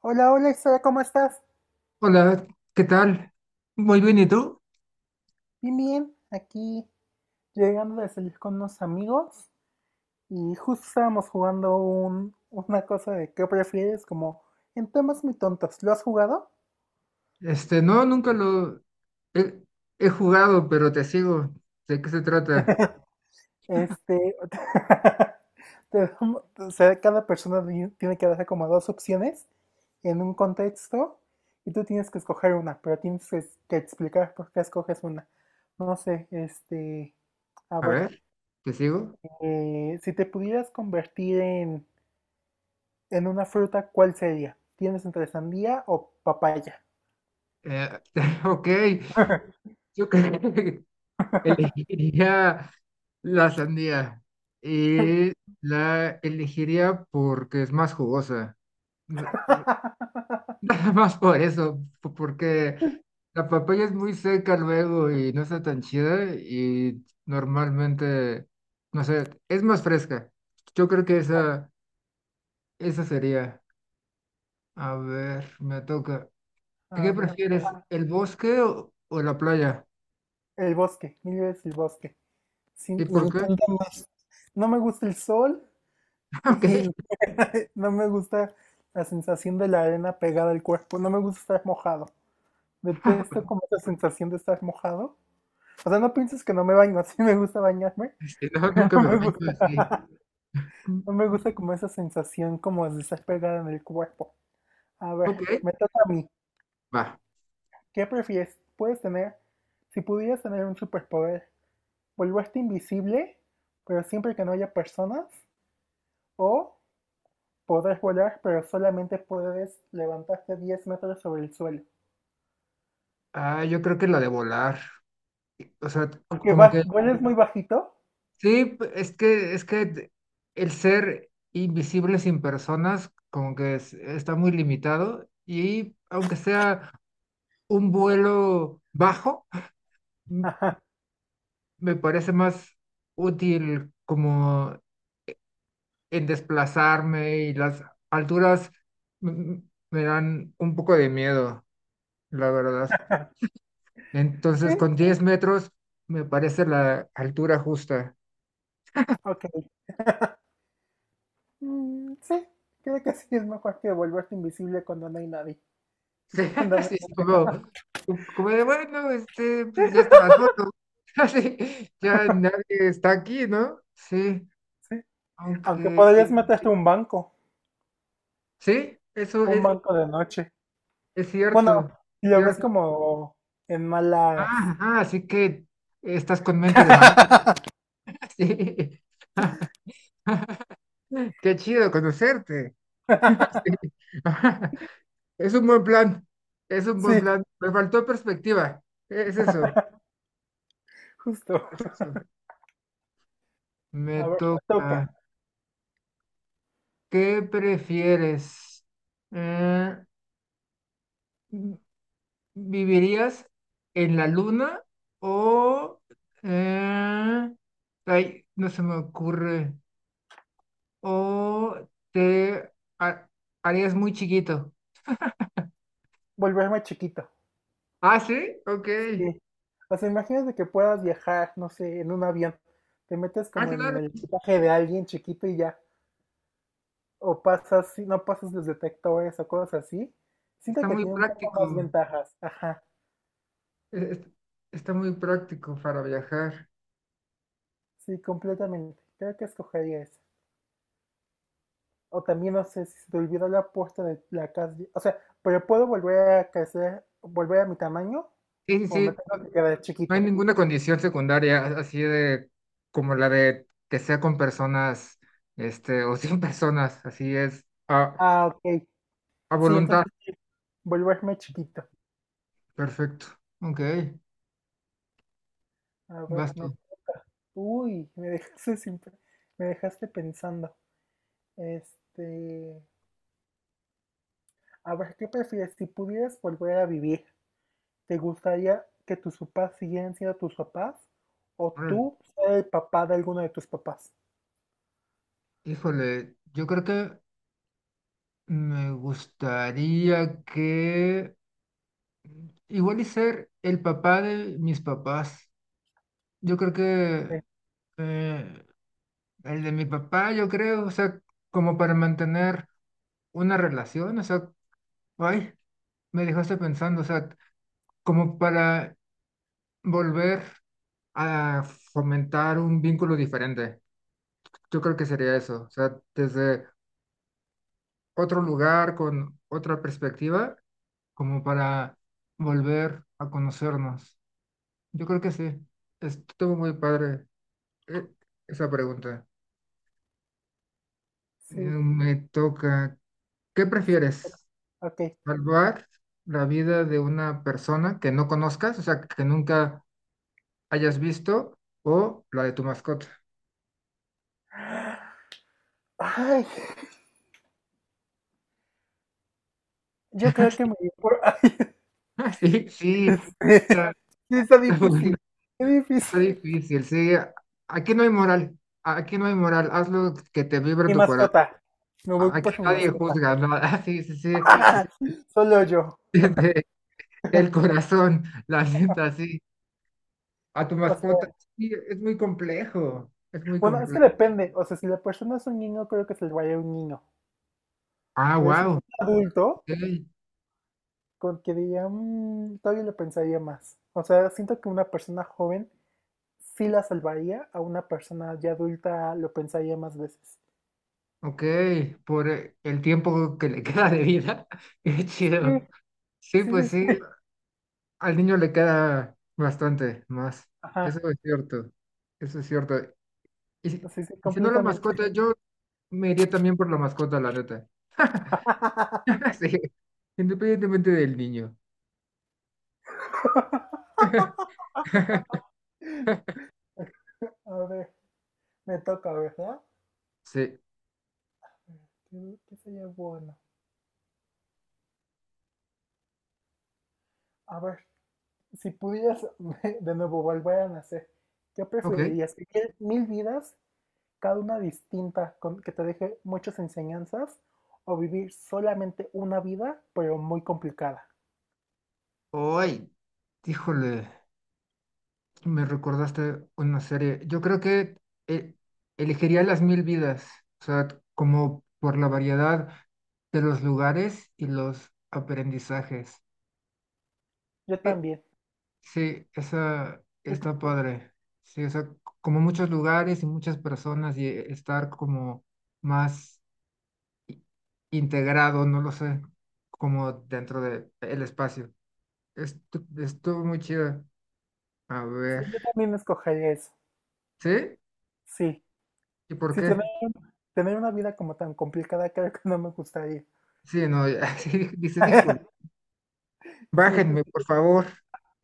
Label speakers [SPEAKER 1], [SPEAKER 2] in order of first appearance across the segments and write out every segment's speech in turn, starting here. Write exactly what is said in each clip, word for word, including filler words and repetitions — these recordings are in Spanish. [SPEAKER 1] Hola, hola, Sara, ¿cómo estás?
[SPEAKER 2] Hola, ¿qué tal? Muy bien, ¿y tú?
[SPEAKER 1] Bien, bien. Aquí llegando de salir con unos amigos y justo estábamos jugando un, una cosa de qué prefieres, como en temas muy tontos. ¿Lo has jugado?
[SPEAKER 2] Este, no, nunca lo he, he jugado, pero te sigo. ¿De qué se trata?
[SPEAKER 1] Este, te damos- o sea, cada persona di- tiene que dar como dos opciones en un contexto y tú tienes que escoger una, pero tienes que, que explicar por qué escoges una. No sé, este, a
[SPEAKER 2] A
[SPEAKER 1] ver,
[SPEAKER 2] ver, ¿te sigo?
[SPEAKER 1] eh, si te pudieras convertir en En una fruta, ¿cuál sería? ¿Tienes entre sandía o papaya?
[SPEAKER 2] Eh, ok, yo creo que elegiría la sandía y la elegiría porque es más jugosa. Nada más por eso, po- porque la papaya es muy seca luego y no está tan chida y normalmente, no sé, es más fresca. Yo creo que esa, esa sería. A ver, me toca.
[SPEAKER 1] A
[SPEAKER 2] ¿Qué
[SPEAKER 1] ver.
[SPEAKER 2] prefieres, el bosque o, o la playa?
[SPEAKER 1] El bosque, mil veces el bosque. Sí,
[SPEAKER 2] ¿Y
[SPEAKER 1] me
[SPEAKER 2] por qué?
[SPEAKER 1] encanta más. No me gusta el sol
[SPEAKER 2] Ok,
[SPEAKER 1] y no me gusta la sensación de la arena pegada al cuerpo. No me gusta estar mojado. Detesto como esa sensación de estar mojado. O sea, no pienses que no me baño. Sí me gusta bañarme,
[SPEAKER 2] si no,
[SPEAKER 1] pero
[SPEAKER 2] nunca
[SPEAKER 1] no
[SPEAKER 2] me
[SPEAKER 1] me
[SPEAKER 2] baño
[SPEAKER 1] gusta.
[SPEAKER 2] así. Mm,
[SPEAKER 1] No me gusta como esa sensación como de estar pegada en el cuerpo. A ver,
[SPEAKER 2] ok,
[SPEAKER 1] me toca a mí.
[SPEAKER 2] va.
[SPEAKER 1] ¿Qué prefieres? Puedes tener, si pudieras tener un superpoder, volverte invisible, pero siempre que no haya personas, o podrás volar, pero solamente puedes levantarte diez metros sobre el suelo.
[SPEAKER 2] Ah, yo creo que la de volar. O sea, c-
[SPEAKER 1] Aunque
[SPEAKER 2] como
[SPEAKER 1] va,
[SPEAKER 2] que
[SPEAKER 1] vueles muy bajito.
[SPEAKER 2] sí, p- es que, es que el ser invisible sin personas como que es- está muy limitado y aunque sea un vuelo bajo, m-
[SPEAKER 1] Ajá.
[SPEAKER 2] me parece más útil como en desplazarme y las alturas m- me dan un poco de miedo, la verdad. Entonces
[SPEAKER 1] Sí,
[SPEAKER 2] con diez metros me parece la altura justa.
[SPEAKER 1] ok. Mm, sí, creo que sí es mejor que volverte invisible cuando no hay nadie. Y
[SPEAKER 2] Sí,
[SPEAKER 1] cuando no
[SPEAKER 2] así
[SPEAKER 1] hay
[SPEAKER 2] es
[SPEAKER 1] nadie.
[SPEAKER 2] como, como de, bueno, este, pues ya estaba solo. Así, ya nadie está aquí, ¿no? Sí,
[SPEAKER 1] Sí, aunque
[SPEAKER 2] aunque,
[SPEAKER 1] podrías meterte a un banco,
[SPEAKER 2] sí, eso
[SPEAKER 1] un
[SPEAKER 2] es,
[SPEAKER 1] banco de noche.
[SPEAKER 2] es
[SPEAKER 1] Bueno,
[SPEAKER 2] cierto,
[SPEAKER 1] lo ves
[SPEAKER 2] cierto.
[SPEAKER 1] como en
[SPEAKER 2] Ah,
[SPEAKER 1] malas.
[SPEAKER 2] ajá, así que estás con mente de manera, sí. Qué chido conocerte. Sí. Es un buen plan, es un
[SPEAKER 1] Sí,
[SPEAKER 2] buen plan. Me faltó perspectiva, es eso,
[SPEAKER 1] justo.
[SPEAKER 2] es eso. Me
[SPEAKER 1] A ver, te
[SPEAKER 2] toca.
[SPEAKER 1] toca.
[SPEAKER 2] ¿Qué prefieres? Eh, ¿vivirías en la luna o eh, ay, no se me ocurre? ¿O te ha- harías muy chiquito?
[SPEAKER 1] Volverme chiquito.
[SPEAKER 2] Ah, sí, ok.
[SPEAKER 1] Sí. O sea, imagínate que puedas viajar, no sé, en un avión. Te metes
[SPEAKER 2] Ah,
[SPEAKER 1] como en
[SPEAKER 2] claro,
[SPEAKER 1] el equipaje de alguien chiquito y ya. O pasas, si no pasas los detectores o cosas así. Siento
[SPEAKER 2] está
[SPEAKER 1] que
[SPEAKER 2] muy
[SPEAKER 1] tiene un poco
[SPEAKER 2] práctico.
[SPEAKER 1] más ventajas. Ajá.
[SPEAKER 2] Es- es- Está muy práctico para viajar.
[SPEAKER 1] Sí, completamente. Creo que escogería eso. O también no sé si se te olvidó la puerta de la casa. O sea, pero puedo volver a crecer, volver a mi tamaño
[SPEAKER 2] Sí, sí,
[SPEAKER 1] o me
[SPEAKER 2] sí.
[SPEAKER 1] tengo que quedar
[SPEAKER 2] No hay
[SPEAKER 1] chiquito.
[SPEAKER 2] ninguna condición secundaria así de como la de que sea con personas, este, o sin personas, así es, a,
[SPEAKER 1] Ah, ok.
[SPEAKER 2] a
[SPEAKER 1] Sí,
[SPEAKER 2] voluntad.
[SPEAKER 1] entonces sí, volverme chiquito.
[SPEAKER 2] Perfecto. Ok,
[SPEAKER 1] A ver,
[SPEAKER 2] vas
[SPEAKER 1] me
[SPEAKER 2] tú.
[SPEAKER 1] toca. Uy, me dejaste sin pe- me dejaste pensando. Este, a ver, ¿qué prefieres? Si pudieras volver a vivir, ¿te gustaría que tus papás siguieran siendo tus papás o
[SPEAKER 2] Órale.
[SPEAKER 1] tú ser el papá de alguno de tus papás?
[SPEAKER 2] Híjole, yo creo que me gustaría que igual y ser el papá de mis papás. Yo creo
[SPEAKER 1] Eh,
[SPEAKER 2] que eh, el de mi papá, yo creo, o sea, como para mantener una relación, o sea, ay, me dejaste pensando, o sea, como para volver a fomentar un vínculo diferente. Yo creo que sería eso, o sea, desde otro lugar, con otra perspectiva, como para volver a conocernos. Yo creo que sí, estuvo muy padre eh, esa pregunta. Eh,
[SPEAKER 1] Sí,
[SPEAKER 2] Me toca, ¿qué prefieres?
[SPEAKER 1] ok.
[SPEAKER 2] ¿Salvar la vida de una persona que no conozcas, o sea, que nunca hayas visto, o la de tu mascota?
[SPEAKER 1] Ay, yo creo que me voy por... Ay,
[SPEAKER 2] Ah, sí, sí,
[SPEAKER 1] este,
[SPEAKER 2] está,
[SPEAKER 1] sí, está
[SPEAKER 2] está bueno,
[SPEAKER 1] difícil. Qué difícil.
[SPEAKER 2] está difícil, sí. Aquí no hay moral, aquí no hay moral, haz lo que te vibre
[SPEAKER 1] Mi
[SPEAKER 2] tu corazón.
[SPEAKER 1] mascota. Me voy
[SPEAKER 2] Aquí
[SPEAKER 1] por mi
[SPEAKER 2] nadie
[SPEAKER 1] mascota.
[SPEAKER 2] juzga, ¿no? Ah, sí, sí, sí,
[SPEAKER 1] Solo yo.
[SPEAKER 2] desde el corazón, la neta, sí. A tu
[SPEAKER 1] O
[SPEAKER 2] mascota,
[SPEAKER 1] sea,
[SPEAKER 2] sí, es muy complejo, es muy
[SPEAKER 1] bueno, es que
[SPEAKER 2] complejo.
[SPEAKER 1] depende. O sea, si la persona es un niño, creo que se le vaya un niño.
[SPEAKER 2] Ah,
[SPEAKER 1] Pero si es
[SPEAKER 2] wow,
[SPEAKER 1] un adulto,
[SPEAKER 2] ok,
[SPEAKER 1] con que diría, "Mm, todavía lo pensaría más. O sea, siento que una persona joven sí la salvaría, a una persona ya adulta lo pensaría más veces.
[SPEAKER 2] ok, por eh, el tiempo que le queda de vida, qué
[SPEAKER 1] Sí,
[SPEAKER 2] chido. Sí,
[SPEAKER 1] sí,
[SPEAKER 2] pues
[SPEAKER 1] sí,
[SPEAKER 2] sí,
[SPEAKER 1] sí.
[SPEAKER 2] al niño le queda bastante más, eso
[SPEAKER 1] Ajá,
[SPEAKER 2] es cierto. Eso es cierto. Y si,
[SPEAKER 1] sí, sí,
[SPEAKER 2] y si no la
[SPEAKER 1] completamente.
[SPEAKER 2] mascota, yo me iría también por la mascota, la neta. Sí, independientemente del niño.
[SPEAKER 1] A ver, me toca, ¿verdad?
[SPEAKER 2] Sí,
[SPEAKER 1] ¿Qué, qué sería bueno? A ver, si pudieras de nuevo volver a nacer, ¿qué
[SPEAKER 2] ok.
[SPEAKER 1] preferirías? ¿Vivir mil vidas, cada una distinta, con, que te deje muchas enseñanzas? ¿O vivir solamente una vida, pero muy complicada?
[SPEAKER 2] Ay, híjole, me recordaste una serie. Yo creo que eh, elegiría Las Mil Vidas, o sea, como por la variedad de los lugares y los aprendizajes.
[SPEAKER 1] Yo
[SPEAKER 2] Eh,
[SPEAKER 1] también.
[SPEAKER 2] sí, esa
[SPEAKER 1] Yo, t-
[SPEAKER 2] está padre. Sí, o sea, c- como muchos lugares y muchas personas y eh, estar como más integrado, no lo sé, como dentro de el espacio. Estu- estuvo muy chido. A
[SPEAKER 1] sí,
[SPEAKER 2] ver,
[SPEAKER 1] yo también escogería eso.
[SPEAKER 2] ¿sí?
[SPEAKER 1] Sí.
[SPEAKER 2] ¿Y por
[SPEAKER 1] Sí, tener,
[SPEAKER 2] qué?
[SPEAKER 1] tener una vida como tan complicada creo que no me gustaría.
[SPEAKER 2] Sí, no, ya, sí, dices, híjole,
[SPEAKER 1] Sí,
[SPEAKER 2] bájenme, por favor.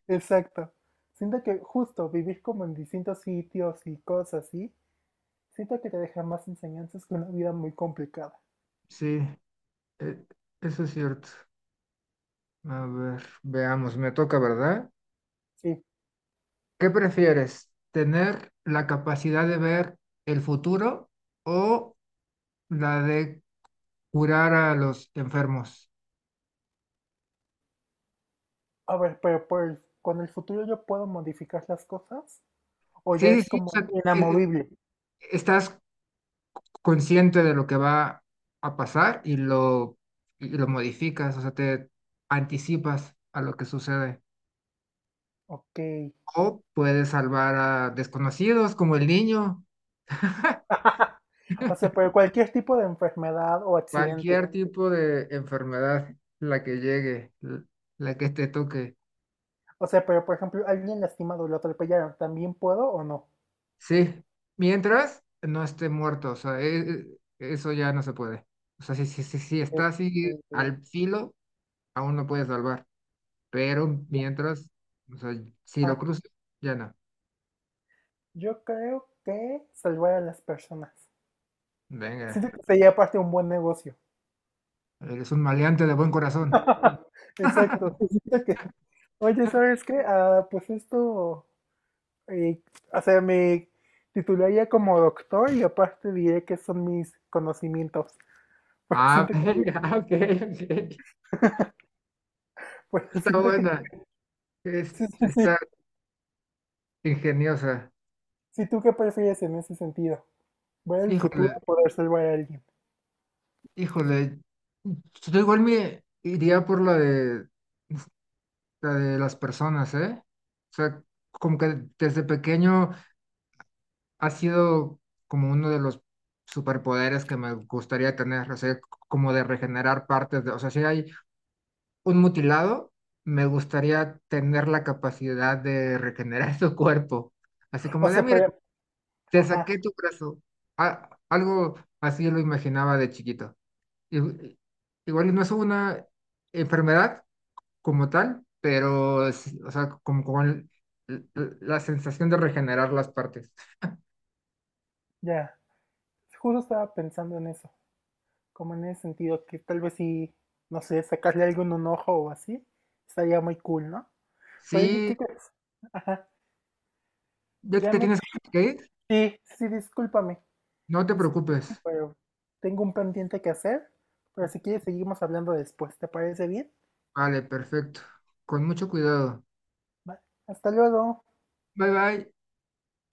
[SPEAKER 1] exacto. Siento que justo vivir como en distintos sitios y cosas así, siento que te deja más enseñanzas que una vida muy complicada.
[SPEAKER 2] Sí, e- eso es cierto. A ver, veamos, me toca, ¿verdad?
[SPEAKER 1] Sí.
[SPEAKER 2] ¿Qué prefieres? ¿Tener la capacidad de ver el futuro o la de curar a los enfermos?
[SPEAKER 1] A ver, pero por el- con el futuro yo puedo modificar las cosas o ya
[SPEAKER 2] Sí,
[SPEAKER 1] es
[SPEAKER 2] sí, sí, o
[SPEAKER 1] como
[SPEAKER 2] sea, e- e-
[SPEAKER 1] inamovible.
[SPEAKER 2] estás consciente de lo que va a pasar y lo, y lo modificas, o sea, te anticipas a lo que sucede.
[SPEAKER 1] Ok.
[SPEAKER 2] O puedes salvar a desconocidos como el niño,
[SPEAKER 1] O sea, pero cualquier tipo de enfermedad o accidente.
[SPEAKER 2] cualquier tipo de enfermedad, la que llegue, l- la que te toque.
[SPEAKER 1] O sea, pero por ejemplo, alguien lastimado, lo atropellaron, ¿también puedo o no?
[SPEAKER 2] Sí, mientras no esté muerto, o sea, e- e- eso ya no se puede. O sea, si, si, si, si está así
[SPEAKER 1] Este,
[SPEAKER 2] al filo, aún no puedes salvar, pero mientras, o sea, si lo
[SPEAKER 1] ah,
[SPEAKER 2] cruzas, ya no.
[SPEAKER 1] yo creo que salvar a las personas.
[SPEAKER 2] Venga,
[SPEAKER 1] Siento que sería aparte un buen negocio.
[SPEAKER 2] eres un maleante de buen corazón.
[SPEAKER 1] Exacto. Siento que, oye, ¿sabes qué? Ah, pues esto, eh, o sea, me titularía como doctor y aparte diré que son mis conocimientos. Pues
[SPEAKER 2] Ah,
[SPEAKER 1] siento que,
[SPEAKER 2] venga, ok, ok.
[SPEAKER 1] pues
[SPEAKER 2] Está
[SPEAKER 1] siento que,
[SPEAKER 2] buena, es-
[SPEAKER 1] sí, sí,
[SPEAKER 2] está
[SPEAKER 1] sí.
[SPEAKER 2] ingeniosa.
[SPEAKER 1] Si tú qué prefieres en ese sentido, ver el futuro
[SPEAKER 2] Híjole,
[SPEAKER 1] o poder salvar a alguien.
[SPEAKER 2] híjole. Yo igual me iría por la de, la de las personas, ¿eh? O sea, como que desde pequeño ha sido como uno de los superpoderes que me gustaría tener, o sea, como de regenerar partes de, o sea, sí hay un mutilado, me gustaría tener la capacidad de regenerar su cuerpo. Así
[SPEAKER 1] O
[SPEAKER 2] como de, "Ah,
[SPEAKER 1] sea,
[SPEAKER 2] mira,
[SPEAKER 1] pero,
[SPEAKER 2] te
[SPEAKER 1] ajá,
[SPEAKER 2] saqué tu brazo. A- algo así lo imaginaba de chiquito. Y- y- igual y no es una enfermedad como tal, pero, sí, o sea, como con l- l- la sensación de regenerar las partes.
[SPEAKER 1] ya. Justo estaba pensando en eso, como en ese sentido, que tal vez si, no sé, sacarle algo en un ojo o así, estaría muy cool, ¿no? Pero oye,
[SPEAKER 2] Sí,
[SPEAKER 1] ¿qué crees?
[SPEAKER 2] ya
[SPEAKER 1] Ya
[SPEAKER 2] te
[SPEAKER 1] me...
[SPEAKER 2] tienes que ir.
[SPEAKER 1] Sí, sí, discúlpame.
[SPEAKER 2] No te preocupes.
[SPEAKER 1] Discúlpame, pero tengo un pendiente que hacer. Pero si quieres, seguimos hablando después. ¿Te parece bien?
[SPEAKER 2] Vale, perfecto. Con mucho cuidado.
[SPEAKER 1] Vale. Hasta luego.
[SPEAKER 2] Bye bye.